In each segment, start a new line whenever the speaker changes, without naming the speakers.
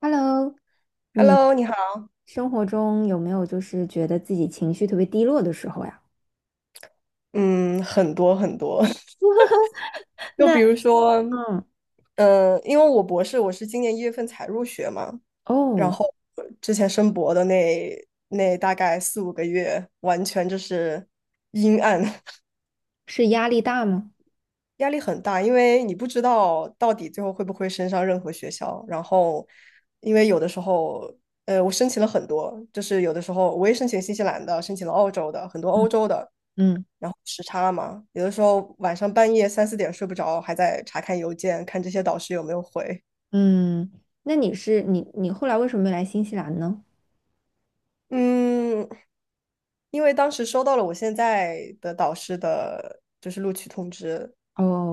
Hello，你
Hello，你好。
生活中有没有就是觉得自己情绪特别低落的时候呀？
嗯，很多很多，就比如说，
嗯
因为我博士我是今年一月份才入学嘛，然
哦，
后之前申博的那大概4、5个月，完全就是阴暗，
是压力大吗？
压力很大，因为你不知道到底最后会不会升上任何学校。然后，因为有的时候，我申请了很多，就是有的时候我也申请新西兰的，申请了澳洲的，很多
嗯
欧洲的。
嗯
然后时差嘛，有的时候晚上半夜3、4点睡不着，还在查看邮件，看这些导师有没有回。
嗯，那你是你你后来为什么没来新西兰呢？
嗯，因为当时收到了我现在的导师的，就是录取通知，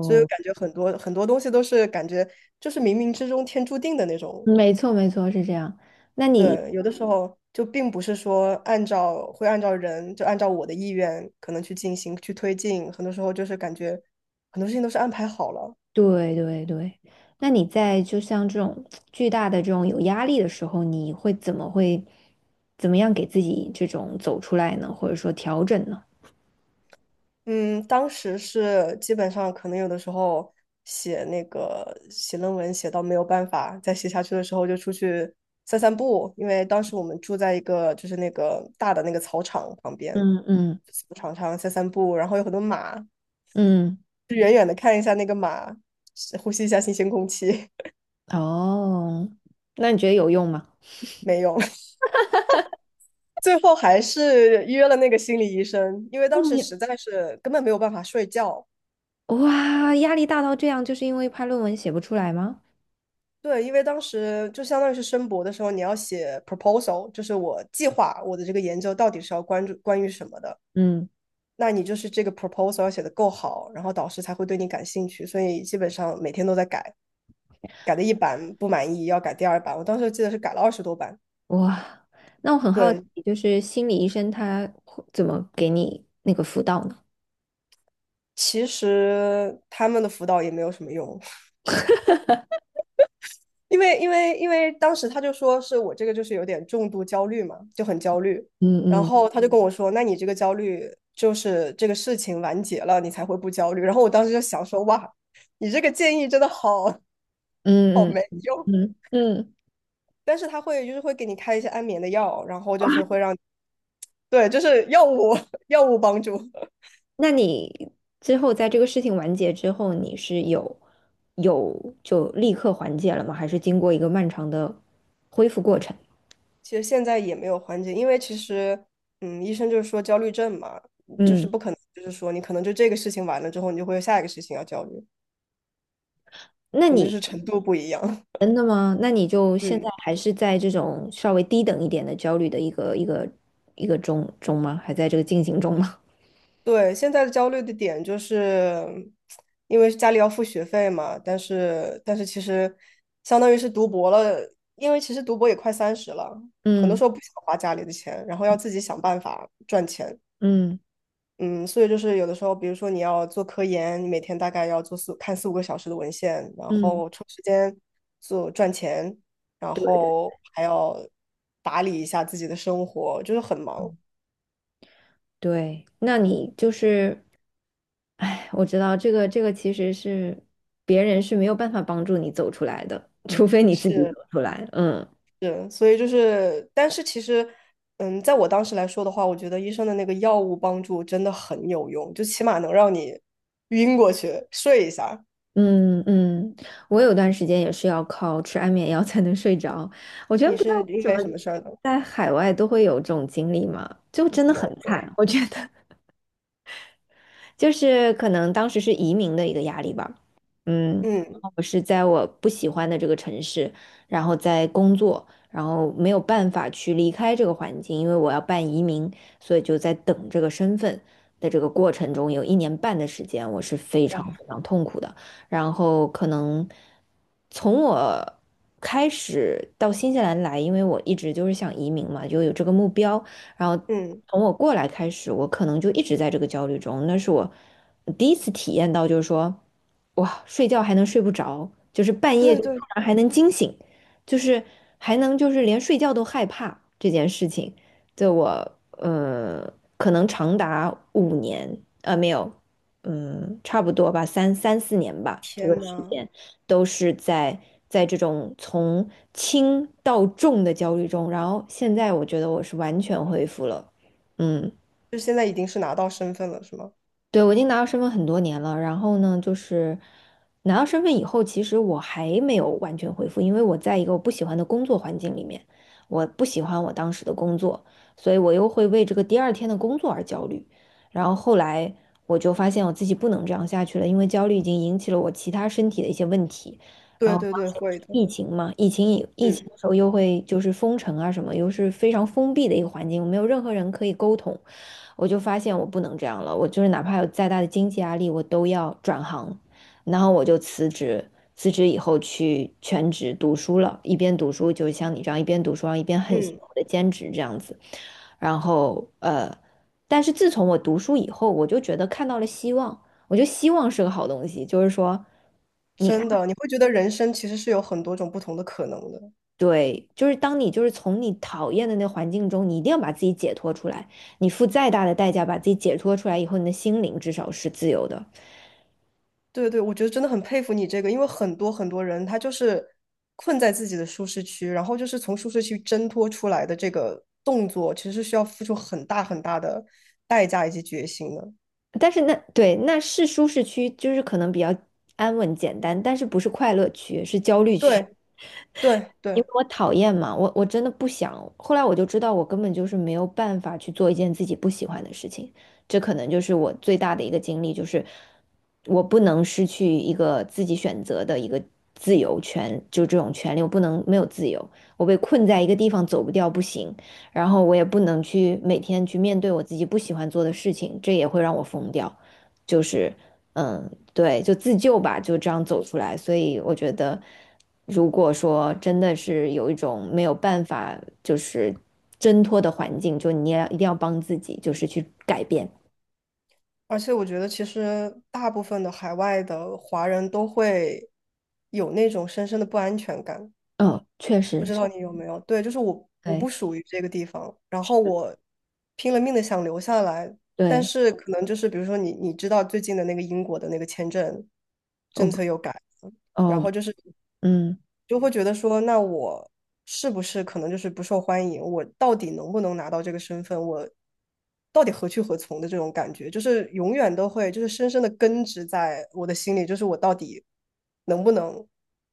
所以我感觉很多很多东西都是感觉就是冥冥之中天注定的那种。
没错没错，是这样。那你
对，有的时候就并不是说按照会按照人，就按照我的意愿可能去进行去推进，很多时候就是感觉很多事情都是安排好了。
对对对，那你在就像这种巨大的这种有压力的时候，你会怎么样给自己这种走出来呢？或者说调整呢？
嗯，当时是基本上可能有的时候写那个写论文写到没有办法再写下去的时候，就出去散散步，因为当时我们住在一个就是那个大的那个草场旁边，
嗯嗯
草场上散散步，然后有很多马，
嗯。
就远远的看一下那个马，呼吸一下新鲜空气。
哦，那你觉得有用吗？
没有。最后还是约了那个心理医生，因为
那
当时
你
实在是根本没有办法睡觉。
哇，压力大到这样，就是因为怕论文写不出来吗？
对，因为当时就相当于是申博的时候，你要写 proposal，就是我计划我的这个研究到底是要关注关于什么的。
嗯，
那你就是这个 proposal 要写的够好，然后导师才会对你感兴趣。所以基本上每天都在改，改的一版不满意要改第2版。我当时记得是改了20多版。
哇，那我很好奇，
对，
就是心理医生他会怎么给你那个辅导呢？
其实他们的辅导也没有什么用，因为当时他就说是我这个就是有点重度焦虑嘛，就很焦虑。
嗯
然
嗯
后他就跟我说，那你这个焦虑就是这个事情完结了，你才会不焦虑。然后我当时就想说，哇，你这个建议真的好
嗯
没
嗯
用。
嗯，嗯，
但是他会就是会给你开一些安眠的药，然后就是会让，对，就是药物帮助。
那你之后在这个事情完结之后，你是有就立刻缓解了吗？还是经过一个漫长的恢复过程？
其实现在也没有缓解，因为其实医生就是说焦虑症嘛，就
嗯
是
嗯，
不可能，就是说你可能就这个事情完了之后，你就会有下一个事情要焦虑。
那
可能就是
你
程度不一样。
真的吗？那你就现在
嗯，
还是在这种稍微低等一点的焦虑的一个中吗？还在这个进行中吗？
对，现在的焦虑的点就是，因为家里要付学费嘛，但是其实相当于是读博了，因为其实读博也快30了，很多
嗯
时候不想花家里的钱，然后要自己想办法赚钱。
嗯
嗯，所以就是有的时候，比如说你要做科研，你每天大概要做看4、5个小时的文献，然
嗯，
后抽时间做赚钱，然
对对
后还要打理一下自己的生活，就是很忙。
对，那你就是，哎，我知道这个其实是别人是没有办法帮助你走出来的，除非你自己走
是，
出来。嗯
是，所以就是，但是其实，嗯，在我当时来说的话，我觉得医生的那个药物帮助真的很有用，就起码能让你晕过去睡一下。
嗯嗯，我有段时间也是要靠吃安眠药才能睡着。我觉得
你
不知道
是
为
因
什
为什
么
么事儿呢？
在海外都会有这种经历嘛，就真的很
有，
惨。
对，
我觉得就是可能当时是移民的一个压力吧。嗯，然
嗯，
后我是在我不喜欢的这个城市，然后在工作，然后没有办法去离开这个环境，因为我要办移民，所以就在等这个身份的这个过程中，有1年半的时间，我是非
哇，
常非常痛苦的。然后可能从我开始到新西兰来，因为我一直就是想移民嘛，就有这个目标。然后
嗯，
从我过来开始，我可能就一直在这个焦虑中。那是我第一次体验到，就是说，哇，睡觉还能睡不着，就是半夜
对
就突
对，
然还能惊醒，就是还能就是连睡觉都害怕这件事情。对我，可能长达5年，没有。嗯，差不多吧，三四年吧，这个
天
时
呐，
间都是在这种从轻到重的焦虑中，然后现在我觉得我是完全恢复了，嗯。
就现在已经是拿到身份了，是吗？
对，我已经拿到身份很多年了，然后呢，就是拿到身份以后，其实我还没有完全恢复，因为我在一个我不喜欢的工作环境里面，我不喜欢我当时的工作，所以我又会为这个第二天的工作而焦虑。然后后来我就发现我自己不能这样下去了，因为焦虑已经引起了我其他身体的一些问题。然
对
后
对
当
对，
时不是
会的，
疫情嘛，疫情
嗯
的时候又会就是封城啊什么，又是非常封闭的一个环境，没有任何人可以沟通。我就发现我不能这样了，我就是哪怕有再大的经济压力，我都要转行，然后我就辞职，辞职以后去全职读书了，一边读书就是像你这样一边读书，然后一边很辛
嗯，
苦的兼职这样子，然后但是自从我读书以后，我就觉得看到了希望，我觉得希望是个好东西，就是说。
真的，你会觉得人生其实是有很多种不同的可能的。
对，就是当你就是从你讨厌的那环境中，你一定要把自己解脱出来。你付再大的代价把自己解脱出来以后，你的心灵至少是自由的。
对对，我觉得真的很佩服你这个，因为很多很多人他就是困在自己的舒适区，然后就是从舒适区挣脱出来的这个动作，其实是需要付出很大很大的代价以及决心的。
但是那是舒适区，就是可能比较安稳简单，但是不是快乐区，是焦虑区。
对对
因
对，
为我讨厌嘛，我真的不想。后来我就知道，我根本就是没有办法去做一件自己不喜欢的事情。这可能就是我最大的一个经历，就是我不能失去一个自己选择的一个自由权，就这种权利，我不能没有自由。我被困在一个地方走不掉不行，然后我也不能去每天去面对我自己不喜欢做的事情，这也会让我疯掉。就是。嗯，对，就自救吧，就这样走出来。所以我觉得，如果说真的是有一种没有办法就是挣脱的环境，就你也一定要帮自己，就是去改变。
而且我觉得其实大部分的海外的华人都会有那种深深的不安全感。
嗯，确
不
实
知
是，
道你有没有？对，就是我
对
不属于这个地方，然后我拼了命的想留下来，但
对，
是可能就是比如说你知道最近的那个英国的那个签证
哦
政策又改了，然
哦，
后就是
嗯
就会觉得说，那我是不是可能就是不受欢迎？我到底能不能拿到这个身份？我到底何去何从的这种感觉，就是永远都会就是深深的根植在我的心里，就是我到底能不能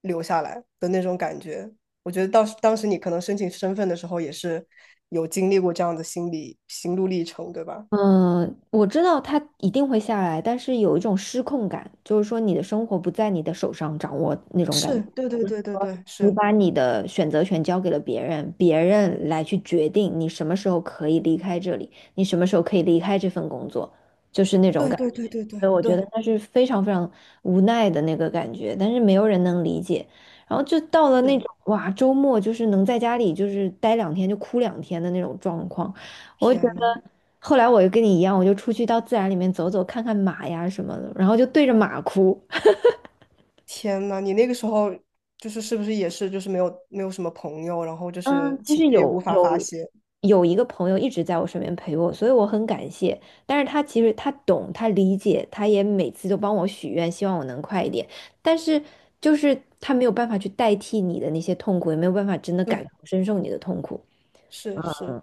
留下来的那种感觉。我觉得当时你可能申请身份的时候也是有经历过这样的心路历程，对吧？
嗯，我知道他一定会下来，但是有一种失控感，就是说你的生活不在你的手上掌握那种感
是，
觉。
对对对对对，
你
是，
把你的选择权交给了别人，别人来去决定你什么时候可以离开这里，你什么时候可以离开这份工作，就是那种
对
感
对对
觉。
对对
所以我觉
对，
得那是非常非常无奈的那个感觉，但是没有人能理解。然后就到了那种
是。
哇，周末就是能在家里就是待2天就哭2天的那种状况，我就觉
天呐，
得。后来我就跟你一样，我就出去到自然里面走走，看看马呀什么的，然后就对着马哭。
天呐，你那个时候就是是不是也是就是没有没有什么朋友，然后就
嗯，
是
其
情
实
绪也无
有
法发
有
泄。
有一个朋友一直在我身边陪我，所以我很感谢。但是他其实他懂，他理解，他也每次都帮我许愿，希望我能快一点。但是他没有办法去代替你的那些痛苦，也没有办法真的感
对，
同身受你的痛苦。
是是，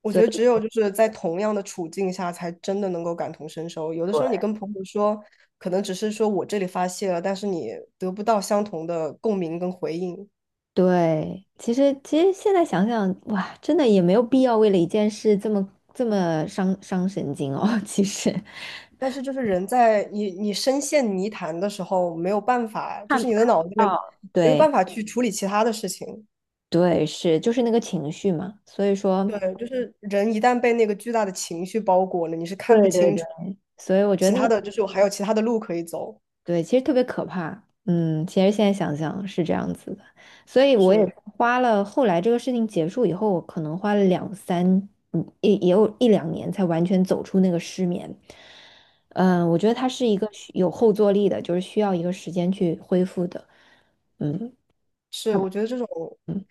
我觉
所
得
以
只有就是在同样的处境下，才真的能够感同身受。有的时候你跟朋友说，可能只是说我这里发泄了，但是你得不到相同的共鸣跟回应。
对，其实现在想想，哇，真的也没有必要为了一件事这么伤神经哦。其实
但是就是人在你深陷泥潭的时候，没有办法，就
看
是
看
你的脑
不
子里面
到，
没有
对
办法去处理其他的事情。
对，是就是那个情绪嘛，所以说。
对，就是人一旦被那个巨大的情绪包裹了，你是看不
对对
清
对，
楚
所以我觉
其
得那
他
个
的，就是我还有其他的路可以走。
对，其实特别可怕。嗯，其实现在想想是这样子的，所以我也
是
花了后来这个事情结束以后，我可能花了两三，嗯，也有1、2年才完全走出那个失眠。嗯，我觉得它是一个需有后坐力的，就是需要一个时间去恢复的。嗯
是，我觉得这种
嗯，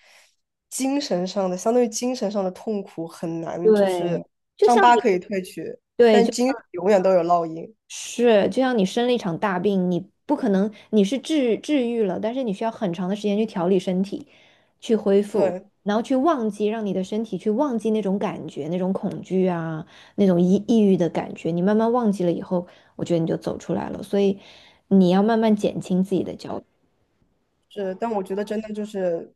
精神上的，相当于精神上的痛苦很
它
难，就是
对。就
伤
像
疤
你。
可以褪去，
对
但精神永远都有烙印。
是，就像你生了一场大病，你不可能你是治愈了，但是你需要很长的时间去调理身体，去恢复，
对。
然后去忘记，让你的身体去忘记那种感觉、那种恐惧啊、那种抑郁的感觉。你慢慢忘记了以后，我觉得你就走出来了。所以你要慢慢减轻自己的焦虑，
是，但我觉得真的就是，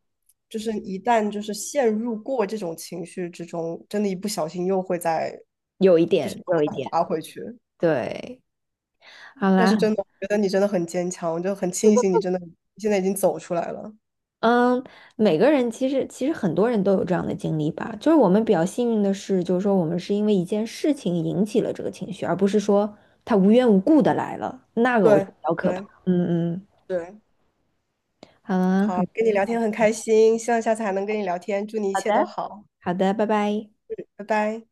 就是一旦就是陷入过这种情绪之中，真的，一不小心又会再
有一
就是
点，
又
有
会
一
再
点，
滑回去。
对。好
但
啦，
是真的，我觉得你真的很坚强，我就很庆幸你真的现在已经走出来了。
嗯，每个人其实很多人都有这样的经历吧，就是我们比较幸运的是，就是说我们是因为一件事情引起了这个情绪，而不是说他无缘无故的来了，那个我觉
对
得比较可怕。
对
嗯嗯，
对，
好啊，
好，跟你聊天很开心，希望下次还能跟你聊天，祝你一
好
切都
的，
好，
好的，拜拜。
拜拜。